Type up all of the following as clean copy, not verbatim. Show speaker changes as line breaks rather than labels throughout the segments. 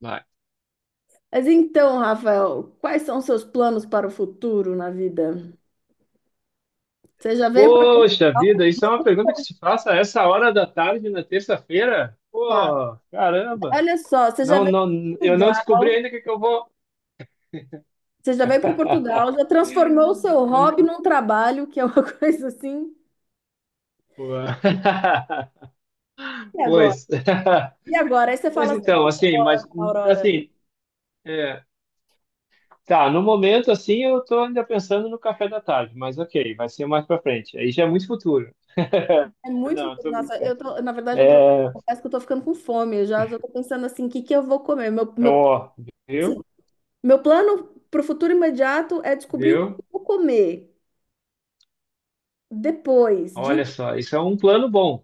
Vai.
Mas então, Rafael, quais são os seus planos para o futuro na vida? Você já veio para
Poxa vida, isso é uma pergunta que se faça a essa hora da tarde na terça-feira?
cá?
Pô, caramba!
Olha só,
Não, não, eu não descobri
Portugal,
ainda o que que eu vou.
você já veio para Portugal, já transformou o seu
Eu-
hobby num trabalho, que é uma coisa assim.
Pô.
E agora?
Pois.
E agora? Aí você
Pois
fala assim:
então,
"Ih,
assim, mas
Aurora,
assim, é, tá, no momento assim eu tô ainda pensando no café da tarde, mas ok, vai ser mais pra frente. Aí já é muito futuro.
é muito."
Não, eu tô
Nossa, eu
brincando.
tô, na verdade,
É,
confesso que eu tô ficando com fome. Eu já estou pensando assim, o que que eu vou comer? Meu, meu,
ó,
sim,
viu?
meu plano para o futuro imediato é descobrir o que
Viu?
eu vou comer depois. De
Olha só, isso é um plano bom.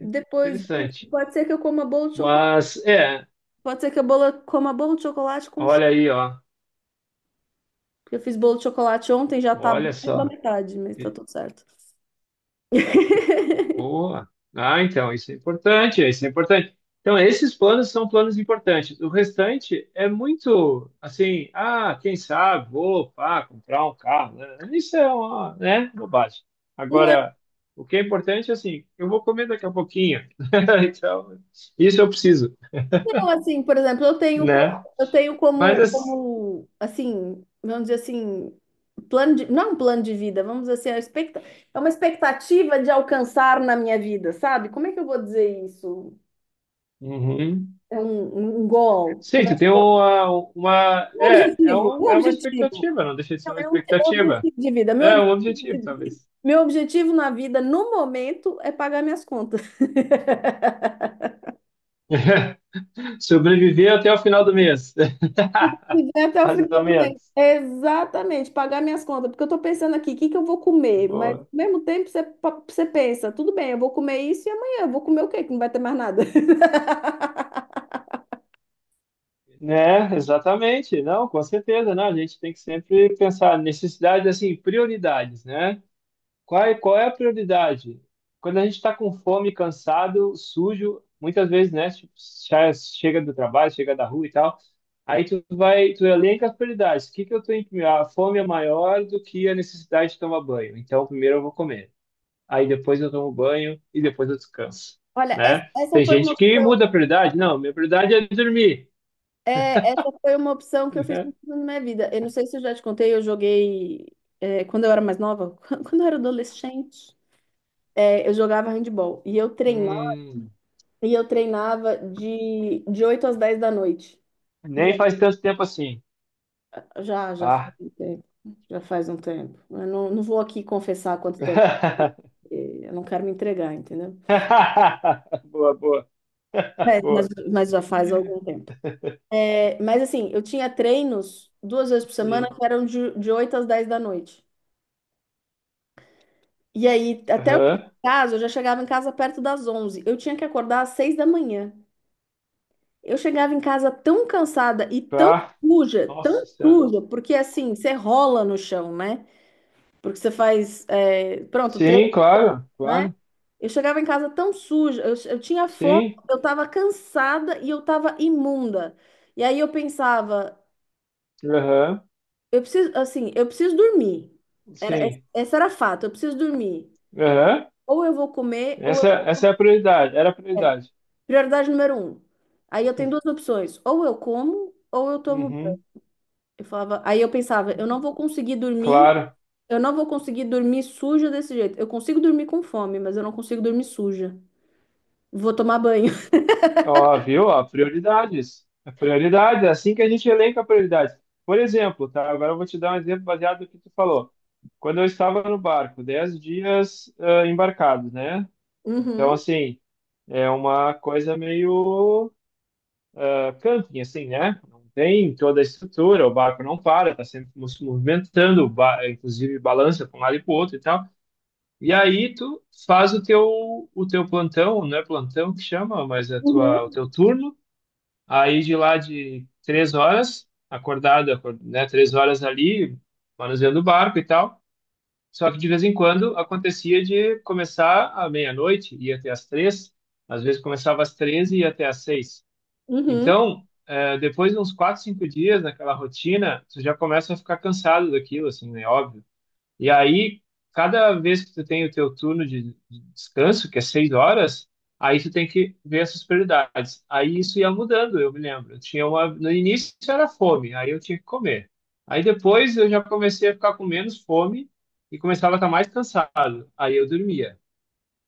Depois disso,
Interessante.
pode ser que eu coma bolo de chocolate.
Mas, é,
Pode ser que eu coma bolo de chocolate com chá.
olha aí, ó.
Porque eu fiz bolo de chocolate ontem, já tá
Olha
mais da
só.
metade, mas tá
E-
tudo certo.
Boa. Ah, então, isso é importante, isso é importante. Então, esses planos são planos importantes. O restante é muito, assim, ah, quem sabe, vou, pá, comprar um carro, né? Isso é uma, né, bobagem.
Não,
Agora, o que é importante é assim, eu vou comer daqui a pouquinho. Então, isso eu preciso,
não, assim, por exemplo,
né?
eu tenho como,
Mas,
como, assim, vamos dizer assim, plano de, não um plano de vida, vamos dizer assim, é uma é uma expectativa de alcançar na minha vida, sabe? Como é que eu vou dizer isso?
assim,
É um goal?
sim,
Como é?
você tem uma, uma,
Um
é, é
objetivo, um
uma, é uma
objetivo.
expectativa, não deixa de ser
Não,
uma
é um
expectativa.
objetivo de vida. Meu
É um objetivo,
objetivo
talvez.
Meu objetivo na vida, no momento, é pagar minhas contas.
Sobreviver até o final do mês.
Viver até o
Mais
final
ou
do mês.
menos.
Exatamente, pagar minhas contas. Porque eu tô pensando aqui, o que que eu vou comer? Mas ao
Boa.
mesmo tempo você pensa, tudo bem, eu vou comer isso e amanhã eu vou comer o quê? Que não vai ter mais nada.
Né, exatamente. Não, com certeza, né? A gente tem que sempre pensar necessidades, assim, prioridades, né? Qual é a prioridade? Quando a gente está com fome, cansado, sujo, muitas vezes, né? Tipo, já chega do trabalho, chega da rua e tal. Aí tu vai, tu elenca as prioridades. O que que eu tenho que... A fome é maior do que a necessidade de tomar banho. Então, primeiro eu vou comer. Aí depois eu tomo banho e depois eu descanso,
Olha,
né? Tem gente que muda a prioridade. Não, minha prioridade é dormir,
essa foi uma opção que eu fiz
né?
muito na minha vida. Eu não sei se eu já te contei, eu joguei é, quando eu era mais nova, quando eu era adolescente, é, eu jogava handball. E eu treinava,
Hum,
e eu treinava de 8 às 10 da noite.
nem faz tanto tempo assim.
Já, já faz
Ah.
um tempo. Já faz um tempo. Eu não vou aqui confessar quanto tempo, porque eu não quero me entregar, entendeu?
Boa, boa,
É, mas,
boa.
mas já faz algum tempo. É, mas assim, eu tinha treinos duas vezes por semana
Sim.
que eram de 8 às 10 da noite. E aí, até eu
Aham.
chegar em casa, eu já chegava em casa perto das 11. Eu tinha que acordar às 6 da manhã. Eu chegava em casa tão cansada e
Pá. Nossa
tão
Senhora.
suja, porque assim, você rola no chão, né? Porque você faz, é, pronto, treino,
Sim, claro,
né?
claro.
Eu chegava em casa tão suja, eu tinha fome,
Sim.
eu estava cansada e eu estava imunda. E aí eu pensava,
Aham.
eu preciso, assim, eu preciso dormir. Era,
Sim.
Essa era fato, eu preciso dormir.
Aham.
Ou eu vou comer, ou
Essa,
eu...
essa é a prioridade. Era a
é,
prioridade.
prioridade número um. Aí eu tenho duas opções, ou eu como, ou eu tomo banho.
Uhum.
Eu falava, aí eu pensava, eu não vou conseguir dormir,
Claro.
eu não vou conseguir dormir suja desse jeito. Eu consigo dormir com fome, mas eu não consigo dormir suja. Vou tomar banho.
Ó, viu? Ó, prioridades. É prioridade, é assim que a gente elenca prioridades. Por exemplo, tá? Agora eu vou te dar um exemplo baseado no que tu falou. Quando eu estava no barco, 10 dias ah, embarcado, né? Então,
Uhum,
assim, é uma coisa meio ah, camping, assim, né? Não tem toda a estrutura, o barco não para, tá sempre se movimentando, inclusive balança para um lado e para o outro e tal. E aí tu faz o teu plantão, não é plantão que chama, mas é a tua, o
uhum,
teu turno. Aí de lá de 3 horas, né? 3 horas ali, manuseando o barco e tal. Só que de vez em quando acontecia de começar à meia-noite, ia até às 3, às vezes começava às 13 e ia até às 6.
uhum.
Então, é, depois de uns 4, 5 dias naquela rotina, tu já começa a ficar cansado daquilo, assim, né? Óbvio. E aí, cada vez que tu tem o teu turno de descanso, que é 6 horas, aí tu tem que ver essas prioridades. Aí isso ia mudando, eu me lembro. Eu tinha uma, no início era fome, aí eu tinha que comer. Aí depois eu já comecei a ficar com menos fome e começava a estar mais cansado. Aí eu dormia.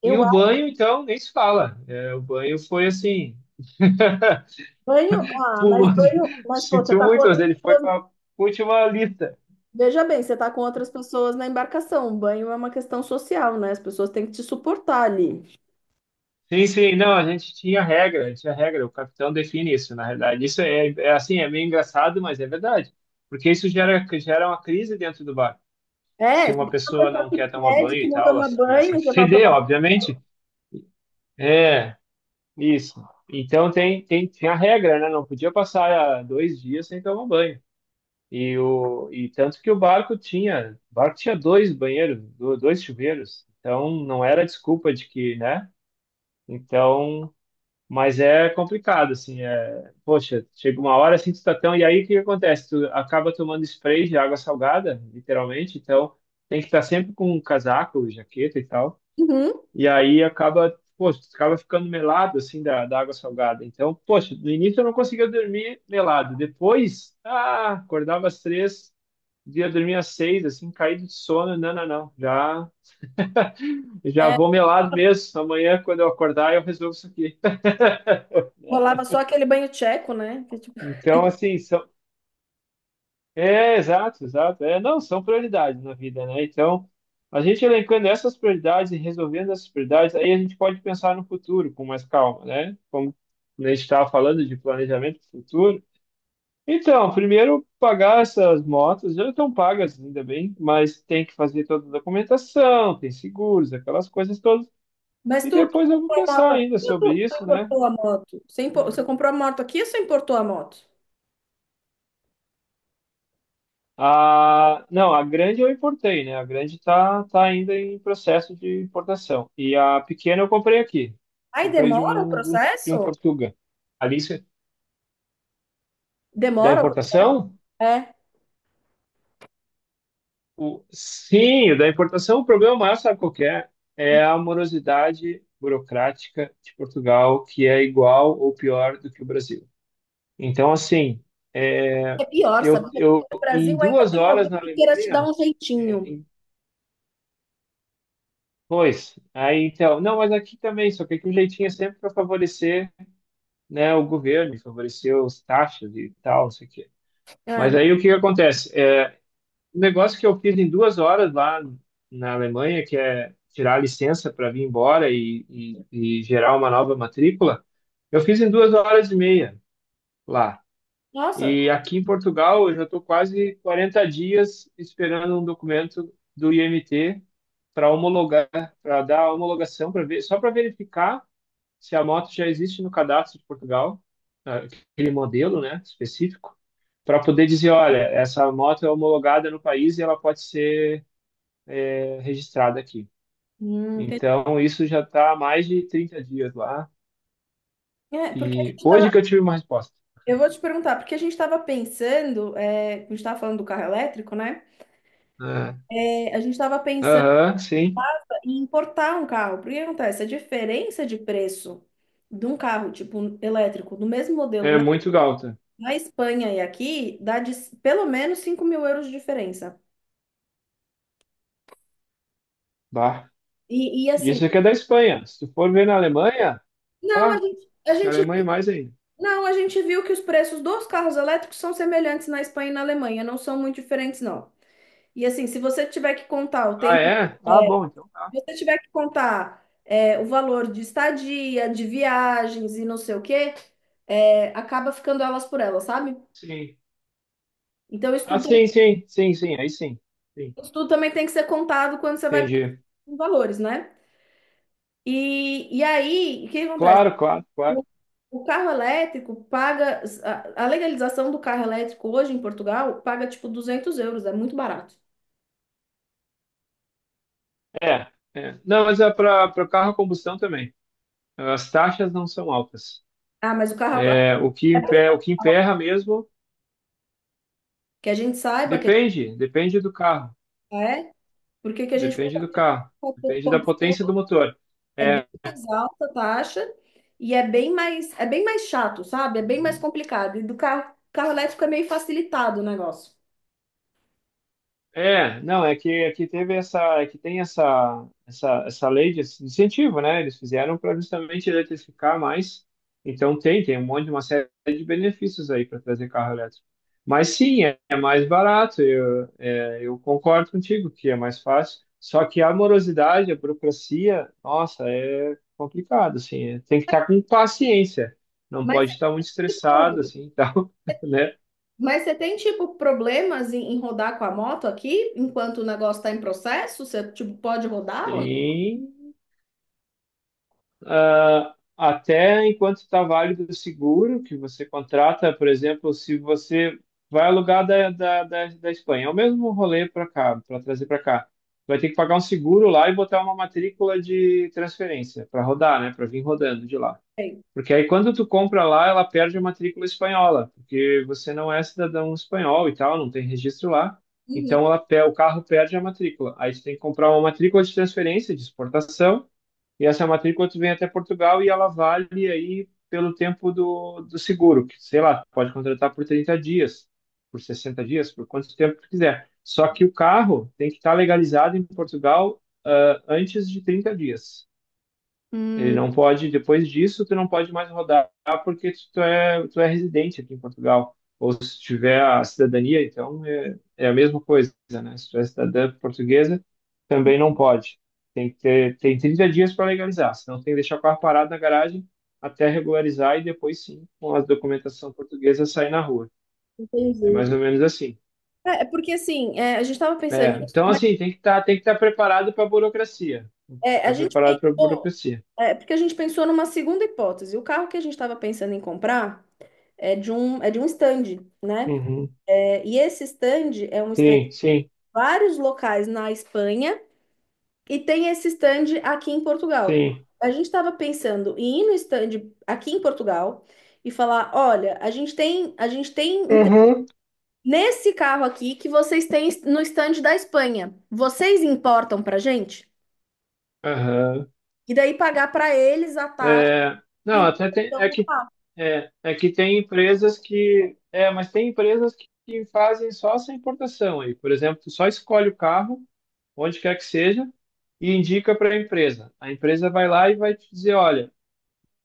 E
Eu
o banho, então, nem se fala. É, o banho foi assim.
Banho, ah, mas
Pulou de,
banho, mas pô, você
sentiu
tá com
muito, mas
outras
ele foi
pessoas.
para a última lista.
Veja bem, você tá com outras pessoas na embarcação. Banho é uma questão social, né? As pessoas têm que te suportar ali.
Sim, sim, não, a gente tinha regra, o capitão define isso, na realidade. Isso é, é assim, é meio engraçado, mas é verdade, porque isso gera, gera uma crise dentro do bar. Se
É, se tem
uma
uma
pessoa
pessoa
não
que
quer tomar
pede
banho
que
e
não
tal, ela
toma
começa a
banho, você vai
feder,
tomar.
obviamente. É, isso. Então tinha a regra, né? Não podia passar 2 dias sem tomar banho. E, o, e tanto que o barco tinha dois banheiros, dois chuveiros. Então não era desculpa de que, né? Então, mas é complicado, assim, é, poxa, chega uma hora assim, tu tá tão, e aí o que que acontece? Tu acaba tomando spray de água salgada, literalmente, então tem que estar sempre com um casaco, jaqueta e tal.
Uhum.
E aí acaba, poxa, tu acaba ficando melado, assim, da água salgada. Então, poxa, no início eu não conseguia dormir melado. Depois, ah, acordava às 3 Dia dormir às 6, assim, caído de sono. Não, não, não. Já
É,
vou melado mesmo. Amanhã, quando eu acordar, eu resolvo isso aqui, né?
rolava só aquele banho tcheco, né? Que é tipo-
Então, assim, são... É, exato, exato. É, não, são prioridades na vida, né? Então, a gente elencando essas prioridades e resolvendo essas prioridades, aí a gente pode pensar no futuro com mais calma, né? Como a gente estava falando de planejamento futuro. Então, primeiro pagar essas motos, já estão pagas, ainda bem, mas tem que fazer toda a documentação, tem seguros, aquelas coisas todas.
Mas
E
tu
depois eu vou
comprou a
pensar
moto aqui
ainda
ou
sobre
tu
isso, né?
importou a moto? Você comprou a moto aqui ou você importou a moto?
A, não, a grande eu importei, né? A grande tá, tá ainda em processo de importação. E a pequena eu comprei aqui.
Aí
Comprei de
demora o
um, de um, de um
processo?
Portuga. Ali, da
Demora?
importação?
É.
O, sim, o da importação, o problema maior, sabe qual que é? É a morosidade burocrática de Portugal, que é igual ou pior do que o Brasil. Então, assim, é,
É pior, sabe?
eu,
Porque
eu
no Brasil
em
ainda
duas
tem
horas
alguém
na
que queira te dar
Alemanha,
um jeitinho.
pois, aí então, não, mas aqui também, só que aqui o jeitinho é sempre para favorecer, né, o governo, favorecer os taxas e tal, não sei o quê. Mas
É.
aí o que que acontece? É, um negócio que eu fiz em 2 horas lá na Alemanha, que é tirar a licença para vir embora e gerar uma nova matrícula, eu fiz em 2 horas e meia lá.
Nossa,
E aqui em Portugal, eu já estou quase 40 dias esperando um documento do IMT para homologar, para dar a homologação, para ver, só para verificar se a moto já existe no cadastro de Portugal, ah, aquele modelo, né, específico, para poder dizer, olha, essa moto é homologada no país e ela pode ser eh, registrada aqui.
hum, entendi.
Então, isso já está há mais de 30 dias lá.
É, porque a
E
gente tava,
hoje que eu tive uma resposta.
eu vou te perguntar, porque a gente estava pensando, é, a gente estava falando do carro elétrico, né?
É.
É, a gente estava pensando
Aham, sim.
em importar um carro. Porque o que acontece? A diferença de preço de um carro, tipo, elétrico, do mesmo modelo
É
na,
muito galta.
na Espanha e aqui, dá pelo menos € 5.000 de diferença.
Bah.
E assim,
Isso aqui é da Espanha. Se tu for ver na Alemanha,
não,
ah, na Alemanha é mais ainda.
não, a gente viu que os preços dos carros elétricos são semelhantes na Espanha e na Alemanha, não são muito diferentes, não. E assim, se você tiver que contar o
Ah,
tempo, se
é? Ah, bom, então, tá.
você tiver que contar é, o valor de estadia, de viagens e não sei o quê, é, acaba ficando elas por elas, sabe?
Sim.
Então, isso
Ah,
tudo,
sim, sim, sim, sim, aí sim. Sim,
isso tudo também tem que ser contado quando você vai
entendi.
com valores, né? E aí, o que acontece?
Claro, claro, claro.
O, o carro elétrico paga, a legalização do carro elétrico hoje em Portugal paga tipo € 200, é muito barato.
É, é. Não, mas é para carro a combustão também. As taxas não são altas.
Ah, mas o carro,
É, o que emperra mesmo
que a gente saiba que a gente
depende, depende do carro,
é, porque que a gente
depende do carro, depende da potência do motor.
é bem
É,
mais alta a taxa e é bem mais chato, sabe? É bem mais complicado. E do carro, carro elétrico é meio facilitado o negócio.
é, não, é que teve essa, é que tem essa lei de incentivo, né? Eles fizeram para justamente eletrificar mais. Então tem um monte, uma série de benefícios aí para trazer carro elétrico. Mas sim, é, é mais barato. Eu, é, eu concordo contigo que é mais fácil. Só que a morosidade, a burocracia, nossa, é complicado, assim. Tem que estar com paciência. Não
Mas,
pode estar muito
tipo,
estressado, assim, tal, né?
mas você tem, tipo, problemas em rodar com a moto aqui, enquanto o negócio está em processo? Você, tipo, pode rodar ou não
Sim. Ah, até enquanto está válido o seguro que você contrata, por exemplo, se você vai alugar da Espanha, é o mesmo rolê para cá, para trazer para cá. Vai ter que pagar um seguro lá e botar uma matrícula de transferência para rodar, né? Para vir rodando de lá.
tem?
Porque aí quando tu compra lá, ela perde a matrícula espanhola, porque você não é cidadão espanhol e tal, não tem registro lá.
Uhum.
Então ela, o carro perde a matrícula. Aí você tem que comprar uma matrícula de transferência, de exportação, e essa matrícula tu vem até Portugal e ela vale aí pelo tempo do, do seguro, que sei lá, pode contratar por 30 dias, por 60 dias, por quanto tempo tu quiser. Só que o carro tem que estar legalizado em Portugal, ah, antes de 30 dias. Ele
Hum,
não pode, depois disso, tu não pode mais rodar porque tu é residente aqui em Portugal. Ou se tiver a cidadania, então é, é a mesma coisa, né? Se tu é cidadã portuguesa, também não pode. Tem que ter, tem 30 dias para legalizar, senão tem que deixar o carro parado na garagem até regularizar e depois sim, com a documentação portuguesa, sair na rua. É mais
entendi.
ou menos assim.
É porque assim, é, a gente estava pensando
É,
nisso,
então,
mas
assim, tem que tá preparado para a burocracia.
é, a
Está
gente
preparado para a
pensou,
burocracia.
é, porque a gente pensou numa segunda hipótese. O carro que a gente estava pensando em comprar é de um stand, né?
Uhum.
É. E esse stand é um stand de
Sim, sim,
vários locais na Espanha e tem esse stand aqui em Portugal.
sim.
A gente estava pensando em ir no stand aqui em Portugal e falar: olha, a gente tem inte-
Uhum.
nesse carro aqui que vocês têm no stand da Espanha. Vocês importam para gente?
Aham.
E daí pagar para eles a taxa
É,
de
não, até tem,
importação
é
do
que
carro.
é, é que tem empresas que que fazem só essa importação aí. Por exemplo, tu só escolhe o carro, onde quer que seja, e indica para a empresa. A empresa vai lá e vai te dizer, olha,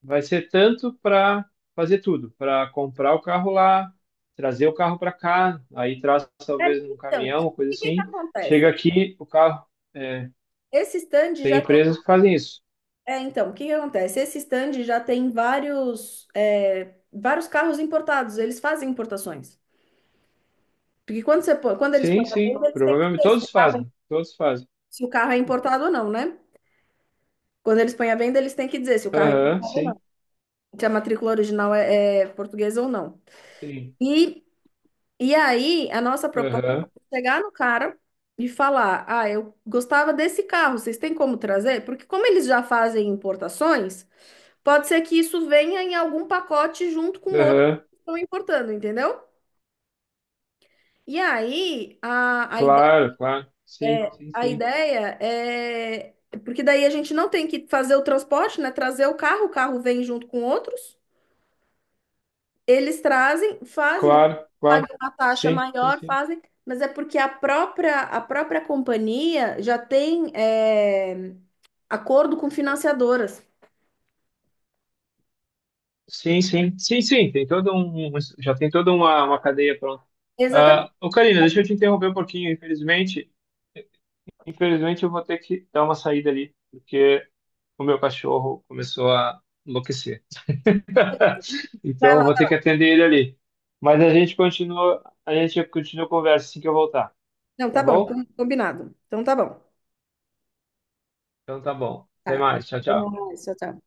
vai ser tanto para fazer tudo, para comprar o carro lá, trazer o carro para cá, aí traz
É,
talvez num
então, o
caminhão, coisa
que que
assim. Chega
acontece?
aqui, o carro, é,
Esse stand
tem
já
empresas que fazem isso.
É, então, o que que acontece? Esse stand já tem vários, é, vários carros importados, eles fazem importações. Porque quando você põe, quando eles põem
Sim,
à
sim,
venda, eles têm que
provavelmente
dizer
todos fazem, todos fazem.
se o carro é importado ou não, né? Quando eles põem à venda, eles têm que dizer se o carro é
Aham,
importado ou não,
sim,
se a matrícula original é portuguesa ou não.
sim.
E, e aí, a nossa proposta
Aham,
é chegar no cara e falar: ah, eu gostava desse carro, vocês têm como trazer? Porque como eles já fazem importações. Pode ser que isso venha em algum pacote junto com outros
aham,
que estão importando, entendeu? E aí,
claro, claro. Sim, sim,
a
sim.
ideia é. Porque daí a gente não tem que fazer o transporte, né? Trazer o carro vem junto com outros. Eles trazem, fazem,
Claro,
pagam
claro.
uma taxa
Sim, sim,
maior,
sim.
fazem. Mas é porque a própria companhia já tem é, acordo com financiadoras.
Sim, sim, sim, sim, tem todo um, já tem toda uma cadeia pronta. Ah,
Exatamente.
ô Karina, deixa eu te interromper um pouquinho, infelizmente, infelizmente eu vou ter que dar uma saída ali, porque o meu cachorro começou a enlouquecer.
Vai
Então eu
lá.
vou ter que atender ele ali. Mas a gente continua, a gente continua a conversa assim que eu voltar.
Não,
Tá
tá bom,
bom?
combinado. Então tá bom.
Então tá bom. Até
Tá.
mais. Tchau,
Até
tchau.
mais, tchau, tchau.